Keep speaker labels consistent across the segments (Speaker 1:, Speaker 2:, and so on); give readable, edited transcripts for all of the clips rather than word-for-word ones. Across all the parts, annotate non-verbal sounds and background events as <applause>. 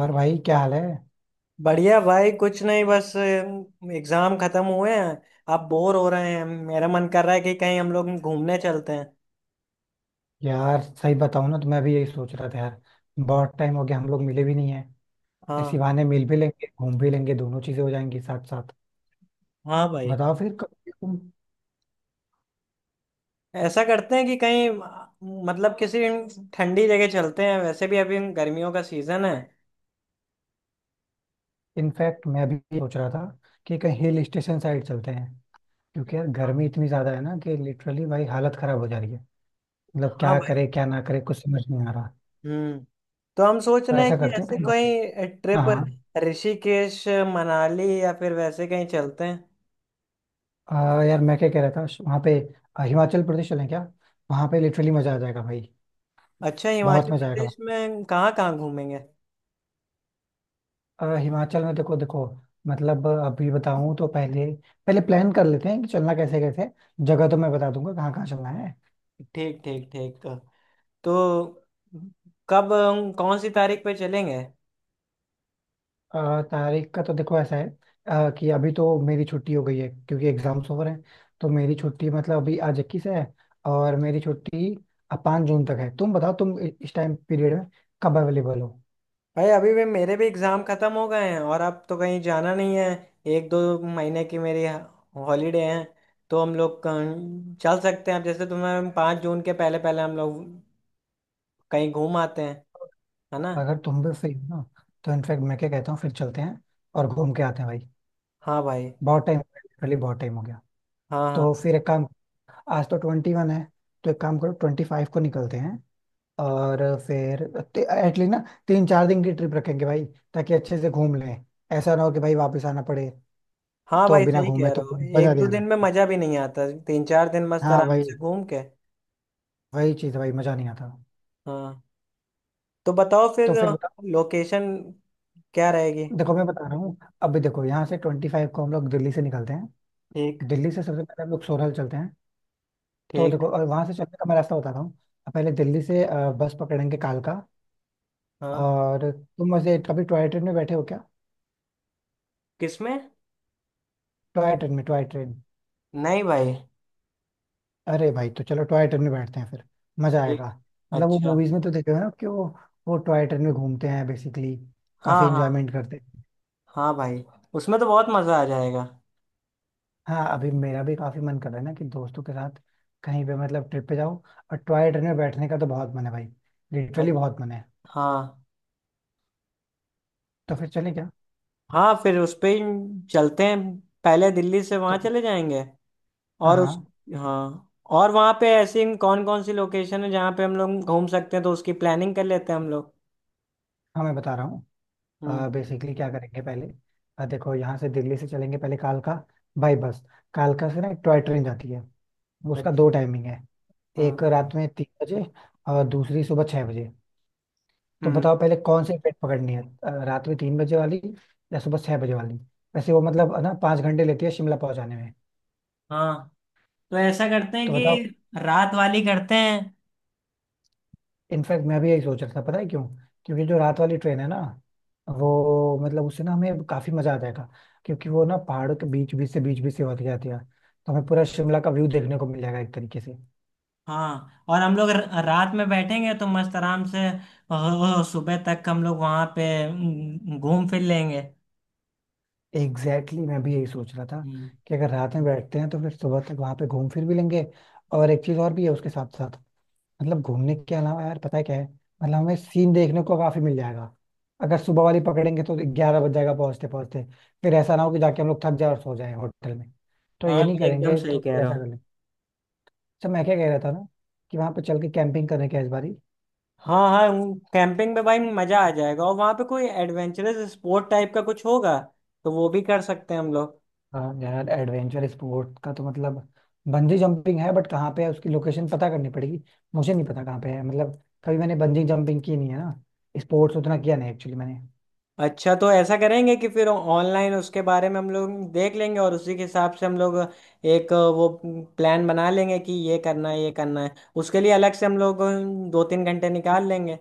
Speaker 1: और भाई क्या हाल है।
Speaker 2: बढ़िया भाई, कुछ नहीं, बस एग्जाम खत्म हुए हैं। आप बोर हो रहे हैं? मेरा मन कर रहा है कि कहीं हम लोग घूमने चलते हैं।
Speaker 1: यार सही बताऊं ना तो मैं भी यही सोच रहा था यार। बहुत टाइम हो गया, हम लोग मिले भी नहीं है। ऐसी
Speaker 2: हाँ।
Speaker 1: बहाने मिल भी लेंगे, घूम भी लेंगे, दोनों चीजें हो जाएंगी साथ साथ।
Speaker 2: हाँ भाई,
Speaker 1: बताओ फिर कब तुम।
Speaker 2: ऐसा करते हैं कि कहीं मतलब किसी ठंडी जगह चलते हैं। वैसे भी अभी गर्मियों का सीजन है।
Speaker 1: इनफैक्ट मैं भी सोच रहा था कि कहीं हिल स्टेशन साइड चलते हैं, क्योंकि यार गर्मी इतनी ज्यादा है ना कि लिटरली भाई हालत खराब हो जा रही है। मतलब
Speaker 2: हाँ
Speaker 1: क्या
Speaker 2: भाई।
Speaker 1: करे क्या ना करे कुछ समझ नहीं आ रहा।
Speaker 2: हम्म। तो हम सोच
Speaker 1: तो
Speaker 2: रहे हैं
Speaker 1: ऐसा
Speaker 2: कि
Speaker 1: करते हैं
Speaker 2: ऐसे
Speaker 1: कहीं।
Speaker 2: कहीं
Speaker 1: हाँ
Speaker 2: ट्रिप,
Speaker 1: हाँ।
Speaker 2: ऋषिकेश, मनाली या फिर वैसे कहीं चलते हैं।
Speaker 1: यार मैं क्या कह रहा था वहाँ पे। हिमाचल प्रदेश चलें क्या। वहाँ पे लिटरली मजा आ जाएगा भाई।
Speaker 2: अच्छा,
Speaker 1: बहुत
Speaker 2: हिमाचल
Speaker 1: मजा आएगा।
Speaker 2: प्रदेश में कहाँ कहाँ घूमेंगे?
Speaker 1: हिमाचल में देखो देखो। मतलब अभी बताऊं तो पहले पहले प्लान कर लेते हैं कि चलना कैसे कैसे। जगह तो मैं बता दूंगा कहाँ कहाँ चलना है।
Speaker 2: ठीक ठीक ठीक। तो कब कौन सी तारीख पे चलेंगे?
Speaker 1: तारीख का तो देखो ऐसा है। कि अभी तो मेरी छुट्टी हो गई है, क्योंकि एग्जाम्स ओवर हैं। तो मेरी छुट्टी मतलब अभी आज 21 है, और मेरी छुट्टी 5 जून तक है। तुम बताओ तुम इस टाइम पीरियड में कब अवेलेबल हो।
Speaker 2: भाई अभी भी मेरे भी एग्ज़ाम ख़त्म हो गए हैं और अब तो कहीं जाना नहीं है। एक दो महीने की मेरी हॉलीडे हैं। तो हम लोग कहीं चल सकते हैं, अब जैसे तुम्हें 5 जून के पहले पहले हम लोग कहीं घूम आते हैं, है ना?
Speaker 1: अगर तुम भी फ्री हो ना तो इनफैक्ट मैं क्या कहता हूँ फिर चलते हैं और घूम के आते हैं भाई।
Speaker 2: हाँ भाई।
Speaker 1: बहुत टाइम, लिटरली बहुत टाइम हो गया।
Speaker 2: हाँ
Speaker 1: तो
Speaker 2: हाँ।
Speaker 1: फिर एक काम। आज तो 21 है, तो एक काम करो 25 को निकलते हैं। और फिर एटलीस्ट ना 3-4 दिन की ट्रिप रखेंगे भाई, ताकि अच्छे से घूम लें। ऐसा ना हो कि भाई वापस आना पड़े।
Speaker 2: हाँ
Speaker 1: तो
Speaker 2: भाई
Speaker 1: बिना
Speaker 2: सही
Speaker 1: घूमे
Speaker 2: कह रहे
Speaker 1: तो
Speaker 2: हो।
Speaker 1: मजा
Speaker 2: एक
Speaker 1: नहीं
Speaker 2: दो
Speaker 1: आ
Speaker 2: दिन में
Speaker 1: रहा।
Speaker 2: मज़ा भी नहीं आता, तीन चार दिन मस्त
Speaker 1: हाँ,
Speaker 2: आराम
Speaker 1: वही
Speaker 2: से घूम के।
Speaker 1: वही चीज भाई मजा नहीं आता।
Speaker 2: हाँ। तो बताओ
Speaker 1: तो
Speaker 2: फिर,
Speaker 1: फिर बताओ।
Speaker 2: लोकेशन क्या रहेगी?
Speaker 1: देखो मैं बता रहा हूँ। अभी देखो यहाँ से 25 को हम लोग दिल्ली से निकलते हैं।
Speaker 2: ठीक।
Speaker 1: दिल्ली से सबसे पहले हम लोग सोरल चलते हैं। तो
Speaker 2: ठीक।
Speaker 1: देखो और वहां से चलने का मैं रास्ता बता रहा हूँ। पहले दिल्ली से बस पकड़ेंगे कालका।
Speaker 2: हाँ।
Speaker 1: और तुम वैसे कभी टॉय ट्रेन में बैठे हो क्या।
Speaker 2: किसमें?
Speaker 1: टॉय ट्रेन में, टॉय ट्रेन।
Speaker 2: नहीं भाई।
Speaker 1: अरे भाई तो चलो टॉय ट्रेन में बैठते हैं फिर। मजा आएगा।
Speaker 2: ठीक।
Speaker 1: मतलब वो
Speaker 2: अच्छा।
Speaker 1: मूवीज में तो देखे हो ना कि वो टॉय ट्रेन में घूमते हैं, बेसिकली। काफी
Speaker 2: हाँ। हाँ।
Speaker 1: इंजॉयमेंट करते हैं।
Speaker 2: हाँ भाई, उसमें तो बहुत मज़ा आ जाएगा।
Speaker 1: हाँ अभी मेरा भी काफी मन कर रहा है ना कि दोस्तों के साथ कहीं पे मतलब ट्रिप पे जाओ। और टॉय ट्रेन में बैठने का तो बहुत मन है भाई,
Speaker 2: अ-
Speaker 1: लिटरली बहुत मन है।
Speaker 2: हाँ।
Speaker 1: तो फिर चलें क्या।
Speaker 2: हाँ, फिर उस पे ही चलते हैं। पहले दिल्ली से वहाँ
Speaker 1: तो
Speaker 2: चले जाएंगे।
Speaker 1: हाँ
Speaker 2: और उस।
Speaker 1: हाँ।
Speaker 2: हाँ। और वहाँ पे ऐसी कौन कौन सी लोकेशन है जहाँ पे हम लोग घूम सकते हैं, तो उसकी प्लानिंग कर लेते हैं हम लोग।
Speaker 1: हाँ मैं बता रहा हूँ।
Speaker 2: हम्म।
Speaker 1: बेसिकली क्या करेंगे पहले। देखो यहाँ से दिल्ली से चलेंगे पहले कालका, बाई बस। कालका से ना एक टॉय ट्रेन जाती है। उसका दो
Speaker 2: अच्छा।
Speaker 1: टाइमिंग है। एक
Speaker 2: हाँ।
Speaker 1: रात में 3 बजे, और दूसरी सुबह 6 बजे। तो
Speaker 2: हम्म।
Speaker 1: बताओ पहले कौन सी ट्रेन पकड़नी है, रात में 3 बजे वाली या सुबह 6 बजे वाली। वैसे वो मतलब है ना 5 घंटे लेती है शिमला पहुंचाने में।
Speaker 2: हाँ, तो ऐसा करते हैं
Speaker 1: तो बताओ।
Speaker 2: कि रात वाली करते हैं।
Speaker 1: इनफैक्ट मैं भी यही सोच रहा था, पता है क्यों। क्योंकि जो रात वाली ट्रेन है ना, वो मतलब उससे ना हमें काफी मजा आ जाएगा। क्योंकि वो ना पहाड़ों के बीच बीच से, बीच बीच से होती जाती है। तो हमें पूरा शिमला का व्यू देखने को मिल जाएगा एक तरीके से।
Speaker 2: हाँ, और हम लोग रात में बैठेंगे तो मस्त आराम से सुबह तक हम लोग वहां पे घूम फिर लेंगे।
Speaker 1: एग्जैक्टली exactly, मैं भी यही सोच रहा था
Speaker 2: हम्म।
Speaker 1: कि अगर रात में बैठते हैं तो फिर सुबह तक वहां पे घूम फिर भी लेंगे। और एक चीज और भी है उसके साथ साथ। मतलब घूमने के अलावा यार पता है क्या है, मतलब हमें सीन देखने को काफी मिल जाएगा। अगर सुबह वाली पकड़ेंगे तो 11 बज जाएगा पहुंचते पहुंचते। फिर ऐसा ना हो कि जाके हम लोग थक जाए और सो जाए होटल में। तो
Speaker 2: हाँ,
Speaker 1: ये नहीं
Speaker 2: ये एकदम
Speaker 1: करेंगे,
Speaker 2: सही
Speaker 1: तो
Speaker 2: कह
Speaker 1: फिर
Speaker 2: रहे
Speaker 1: ऐसा
Speaker 2: हो।
Speaker 1: कर लेंगे। अच्छा मैं क्या कह रहा था ना, कि वहां पे चल के कैंपिंग करने का इस बारी।
Speaker 2: हाँ हाँ। कैंपिंग पे भाई मजा आ जाएगा, और वहां पे कोई एडवेंचरस स्पोर्ट टाइप का कुछ होगा तो वो भी कर सकते हैं हम लोग।
Speaker 1: हाँ यार एडवेंचर स्पोर्ट का तो मतलब बंजी जंपिंग है, बट कहाँ पे है उसकी लोकेशन पता करनी पड़ेगी। मुझे नहीं पता कहाँ पे है, मतलब कभी मैंने बंजी जंपिंग की नहीं है ना, स्पोर्ट्स उतना किया नहीं एक्चुअली मैंने।
Speaker 2: अच्छा, तो ऐसा करेंगे कि फिर ऑनलाइन उसके बारे में हम लोग देख लेंगे और उसी के हिसाब से हम लोग एक वो प्लान बना लेंगे कि ये करना है, ये करना है। उसके लिए अलग से हम लोग दो तीन घंटे निकाल लेंगे।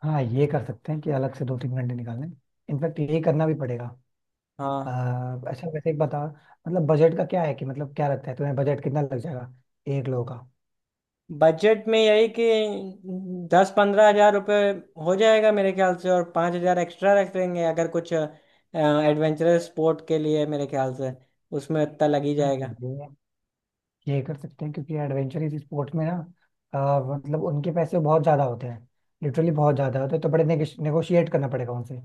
Speaker 1: हाँ ये कर सकते हैं कि अलग से 2-3 घंटे निकाल लें। इनफैक्ट ये करना भी पड़ेगा।
Speaker 2: हाँ।
Speaker 1: अच्छा वैसे एक बता, मतलब बजट का क्या है, कि मतलब क्या लगता है तुम्हें बजट कितना लग जाएगा एक लोगों का।
Speaker 2: बजट में यही कि 10-15 हज़ार रुपये हो जाएगा मेरे ख्याल से, और 5 हज़ार एक्स्ट्रा रख लेंगे अगर कुछ एडवेंचरस स्पोर्ट के लिए। मेरे ख्याल से उसमें इतना लग ही
Speaker 1: हाँ तो
Speaker 2: जाएगा।
Speaker 1: ये कर सकते हैं, क्योंकि एडवेंचर इस स्पोर्ट में ना मतलब उनके पैसे बहुत ज्यादा होते हैं, लिटरली बहुत ज्यादा होते हैं। तो बड़े नेगोशिएट करना पड़ेगा उनसे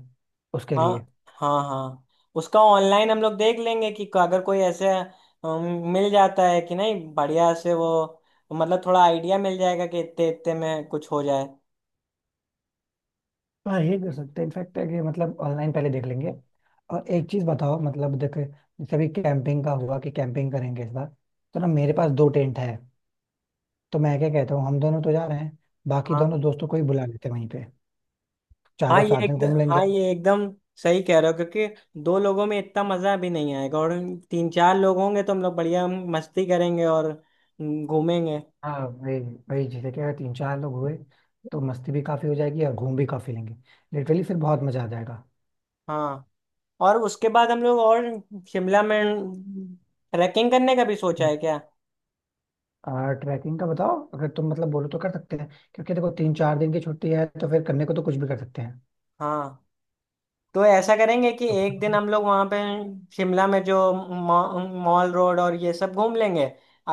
Speaker 1: उसके
Speaker 2: हाँ।
Speaker 1: लिए।
Speaker 2: हाँ हाँ। उसका ऑनलाइन हम लोग देख लेंगे कि अगर कोई ऐसे मिल जाता है कि नहीं, बढ़िया से वो मतलब थोड़ा आइडिया मिल जाएगा कि इतने इतने में कुछ हो जाए।
Speaker 1: हाँ ये कर सकते हैं इनफैक्ट है, कि मतलब ऑनलाइन पहले देख लेंगे। और एक चीज बताओ मतलब देख, जैसे अभी कैंपिंग का हुआ कि कैंपिंग करेंगे इस बार, तो ना मेरे पास 2 टेंट है। तो मैं क्या कहता हूँ हम दोनों तो जा रहे हैं, बाकी
Speaker 2: हाँ।
Speaker 1: दोनों दोस्तों को ही बुला लेते हैं वहीं पे।
Speaker 2: हाँ
Speaker 1: चारों
Speaker 2: ये
Speaker 1: साथ
Speaker 2: एक।
Speaker 1: में घूम लेंगे।
Speaker 2: हाँ ये एकदम सही कह रहे हो क्योंकि दो लोगों में इतना मज़ा भी नहीं आएगा, और तीन चार लोग होंगे तो हम लोग बढ़िया मस्ती करेंगे और घूमेंगे।
Speaker 1: हाँ वही वही, जैसे कि अगर 3-4 लोग हुए तो मस्ती भी काफी हो जाएगी और घूम भी काफी लेंगे। लिटरली फिर बहुत मजा आ जाएगा।
Speaker 2: हाँ। और उसके बाद हम लोग, और शिमला में ट्रैकिंग करने का भी सोचा
Speaker 1: हम्म।
Speaker 2: है क्या?
Speaker 1: और ट्रैकिंग का बताओ, अगर तुम मतलब बोलो तो कर सकते हैं। क्योंकि देखो 3-4 दिन की छुट्टी है, तो फिर करने को तो कुछ भी कर सकते हैं।
Speaker 2: हाँ, तो ऐसा करेंगे कि
Speaker 1: तो
Speaker 2: एक दिन हम लोग वहाँ पे शिमला में जो मॉल रोड और ये सब घूम लेंगे।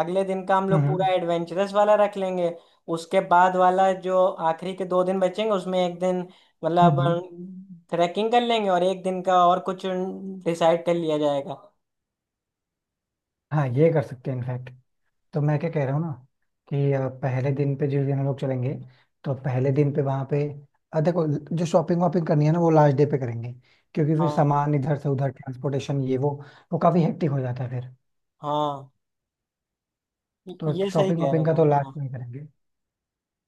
Speaker 2: अगले दिन का हम लोग पूरा
Speaker 1: हम्म।
Speaker 2: एडवेंचरस वाला रख लेंगे। उसके बाद वाला जो आखिरी के 2 दिन बचेंगे उसमें एक दिन मतलब
Speaker 1: हम्म
Speaker 2: ट्रैकिंग कर लेंगे, और एक दिन का और कुछ डिसाइड कर लिया जाएगा।
Speaker 1: हाँ ये कर सकते हैं इनफैक्ट। तो मैं क्या कह रहा हूँ ना कि पहले दिन पे जिस दिन हम लोग चलेंगे, तो पहले दिन पे वहां पे देखो, जो शॉपिंग वॉपिंग करनी है ना वो लास्ट डे पे करेंगे। क्योंकि फिर
Speaker 2: हाँ।
Speaker 1: सामान इधर से उधर ट्रांसपोर्टेशन ये वो काफी हेक्टिक हो जाता है फिर।
Speaker 2: हाँ,
Speaker 1: तो
Speaker 2: ये सही
Speaker 1: शॉपिंग
Speaker 2: कह रहा
Speaker 1: वॉपिंग का तो
Speaker 2: तुम,
Speaker 1: लास्ट
Speaker 2: हाँ।
Speaker 1: में ही करेंगे।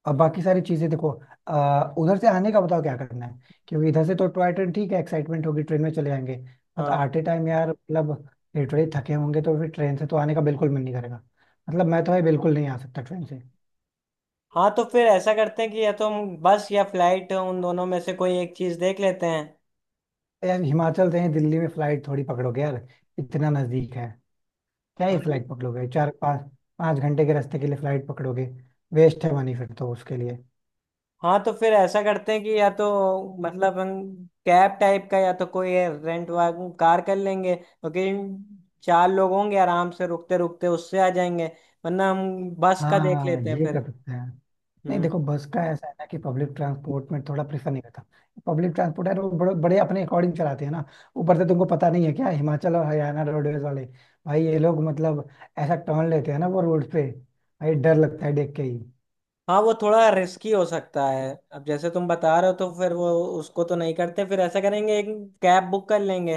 Speaker 1: और बाकी सारी चीजें देखो, उधर से आने का बताओ क्या करना है। क्योंकि इधर से तो टॉय ट्रेन ठीक है, एक्साइटमेंट होगी, ट्रेन में चले जाएंगे। बट
Speaker 2: हाँ।
Speaker 1: आते टाइम यार मतलब लिटरली थके होंगे तो फिर ट्रेन से तो आने का बिल्कुल मन नहीं करेगा। मतलब मैं तो है बिल्कुल नहीं आ सकता ट्रेन से।
Speaker 2: हाँ, तो फिर ऐसा करते हैं कि या तो हम बस या फ्लाइट, उन दोनों में से कोई एक चीज़ देख लेते हैं।
Speaker 1: यार हिमाचल से ही दिल्ली में फ्लाइट थोड़ी पकड़ोगे यार, इतना नजदीक है। क्या ही
Speaker 2: हाँ।
Speaker 1: फ्लाइट पकड़ोगे, 4-5, 5 घंटे के रास्ते के लिए फ्लाइट पकड़ोगे। वेस्ट है मनी फिर तो उसके लिए।
Speaker 2: हाँ, तो फिर ऐसा करते हैं कि या तो मतलब हम कैब टाइप का, या तो कोई रेंट वाग कार कर लेंगे क्योंकि चार लोग होंगे, आराम से रुकते रुकते उससे आ जाएंगे। वरना हम बस का देख
Speaker 1: हाँ
Speaker 2: लेते हैं
Speaker 1: ये कर
Speaker 2: फिर।
Speaker 1: सकते हैं। नहीं
Speaker 2: हम्म।
Speaker 1: देखो बस का ऐसा है ना कि पब्लिक ट्रांसपोर्ट में थोड़ा प्रेफर नहीं करता। पब्लिक ट्रांसपोर्ट है, वो बड़े बड़े अपने अकॉर्डिंग चलाते हैं ना। ऊपर से तुमको पता नहीं है क्या, हिमाचल और हरियाणा रोडवेज वाले भाई ये लोग मतलब ऐसा टर्न लेते हैं ना वो रोड पे, भाई डर लगता है देख के ही।
Speaker 2: हाँ वो थोड़ा रिस्की हो सकता है। अब जैसे तुम बता रहे हो तो फिर वो उसको तो नहीं करते। फिर ऐसा करेंगे, एक कैब बुक कर लेंगे।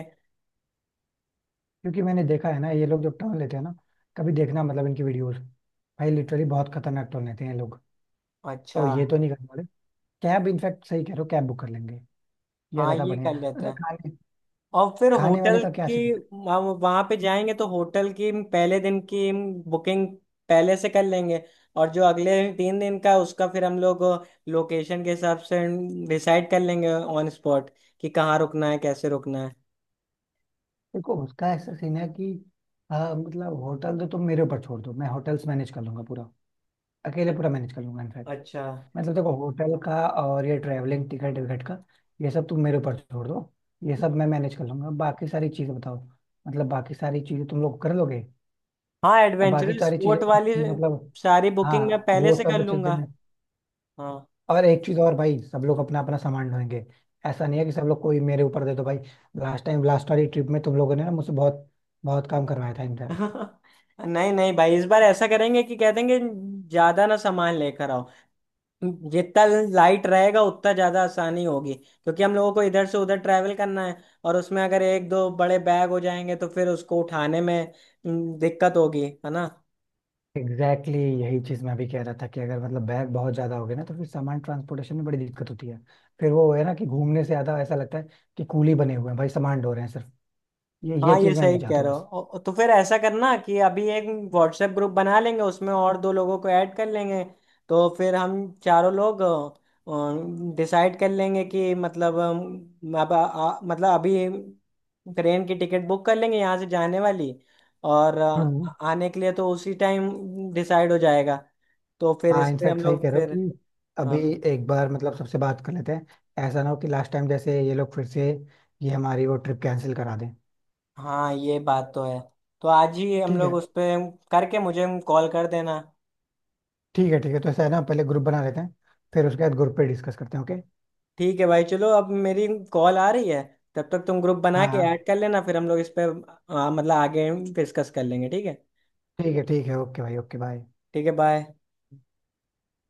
Speaker 1: क्योंकि मैंने देखा है ना ये लोग जो टर्न लेते हैं ना, कभी देखना मतलब इनकी वीडियोस, भाई लिटरली बहुत खतरनाक टर्न लेते हैं ये लोग। तो
Speaker 2: अच्छा।
Speaker 1: ये तो नहीं करने वाले। कैब इनफैक्ट सही कह रहे हो, कैब बुक कर लेंगे। ये
Speaker 2: हाँ
Speaker 1: ज्यादा
Speaker 2: ये कर
Speaker 1: बढ़िया।
Speaker 2: लेते
Speaker 1: अच्छा
Speaker 2: हैं।
Speaker 1: खाने,
Speaker 2: और फिर
Speaker 1: खाने वाले
Speaker 2: होटल
Speaker 1: का क्या।
Speaker 2: की, हम वहां पे जाएंगे तो होटल की पहले दिन की बुकिंग पहले से कर लेंगे, और जो अगले 3 दिन का उसका फिर हम लोग लोकेशन के हिसाब से डिसाइड कर लेंगे ऑन स्पॉट, कि कहाँ रुकना है कैसे रुकना है।
Speaker 1: देखो उसका ऐसा सीन है कि, हाँ मतलब होटल तो तुम मेरे ऊपर छोड़ दो, मैं होटल्स मैनेज कर लूंगा पूरा। अकेले
Speaker 2: अ-
Speaker 1: पूरा मैनेज कर लूंगा इनफैक्ट।
Speaker 2: अच्छा।
Speaker 1: मतलब देखो होटल का और ये ट्रैवलिंग टिकट विकट का, ये सब तुम मेरे ऊपर छोड़ दो। ये सब मैं मैनेज कर लूंगा, बाकी सारी चीजें बताओ, मतलब बाकी सारी चीजें तुम लोग कर लोगे।
Speaker 2: हाँ
Speaker 1: अब बाकी
Speaker 2: एडवेंचरस
Speaker 1: सारी चीजें
Speaker 2: स्पोर्ट वाली
Speaker 1: मतलब।
Speaker 2: सारी
Speaker 1: हाँ
Speaker 2: बुकिंग मैं पहले
Speaker 1: वो
Speaker 2: से कर
Speaker 1: सब
Speaker 2: लूंगा।
Speaker 1: चीजें।
Speaker 2: हाँ।
Speaker 1: और एक चीज और भाई, सब लोग अपना अपना सामान ढोएंगे। ऐसा नहीं है कि सब लोग कोई मेरे ऊपर दे दो भाई। लास्ट टाइम, लास्ट वाली ट्रिप में तुम लोगों ने ना मुझसे बहुत बहुत काम करवाया था इनका।
Speaker 2: <laughs> नहीं नहीं भाई, इस बार ऐसा करेंगे कि कह देंगे ज्यादा ना सामान लेकर। जितना लाइट रहेगा उतना ज़्यादा आसानी होगी, क्योंकि हम लोगों को इधर से उधर ट्रैवल करना है। और उसमें अगर एक दो बड़े बैग हो जाएंगे तो फिर उसको उठाने में दिक्कत होगी, है ना?
Speaker 1: एग्जैक्टली exactly यही चीज मैं भी कह रहा था, कि अगर मतलब बैग बहुत ज्यादा हो गया ना तो फिर सामान ट्रांसपोर्टेशन में बड़ी दिक्कत होती है। फिर वो है ना कि घूमने से ज्यादा ऐसा लगता है कि कूली बने हुए हैं भाई, सामान ढो रहे हैं सिर्फ। ये
Speaker 2: हाँ, ये
Speaker 1: चीज मैं
Speaker 2: सही
Speaker 1: नहीं
Speaker 2: कह
Speaker 1: चाहता
Speaker 2: रहे हो।
Speaker 1: बस।
Speaker 2: तो फिर ऐसा करना कि अभी एक व्हाट्सएप ग्रुप बना लेंगे उसमें, और दो लोगों को ऐड कर लेंगे, तो फिर हम चारों लोग डिसाइड कर लेंगे कि मतलब अब आ, आ- मतलब अभी ट्रेन की टिकट बुक कर लेंगे यहाँ से जाने वाली, और
Speaker 1: हाँ,
Speaker 2: आने के लिए तो उसी टाइम डिसाइड हो जाएगा। तो फिर
Speaker 1: हाँ
Speaker 2: इस पे हम
Speaker 1: इनफैक्ट सही
Speaker 2: लोग
Speaker 1: कह रहे हो
Speaker 2: फिर।
Speaker 1: कि
Speaker 2: हाँ।
Speaker 1: अभी एक बार मतलब सबसे बात कर लेते हैं। ऐसा ना हो कि लास्ट टाइम जैसे ये लोग फिर से ये हमारी वो ट्रिप कैंसिल करा दें।
Speaker 2: हाँ ये बात तो है। तो आज ही हम
Speaker 1: ठीक
Speaker 2: लोग
Speaker 1: है।
Speaker 2: उस पे करके मुझे कॉल कर देना।
Speaker 1: ठीक है ठीक है, तो ऐसा है ना पहले ग्रुप बना लेते हैं, फिर उसके बाद ग्रुप पे डिस्कस करते हैं। ओके।
Speaker 2: ठीक है भाई, चलो अब मेरी कॉल आ रही है। तब तक तुम ग्रुप बना
Speaker 1: हाँ
Speaker 2: के
Speaker 1: हाँ,
Speaker 2: ऐड कर लेना, फिर हम लोग इस पे मतलब आगे डिस्कस कर लेंगे, ठीक है।
Speaker 1: ठीक है ठीक है, ओके भाई ओके बाय।
Speaker 2: ठीक है। बाय।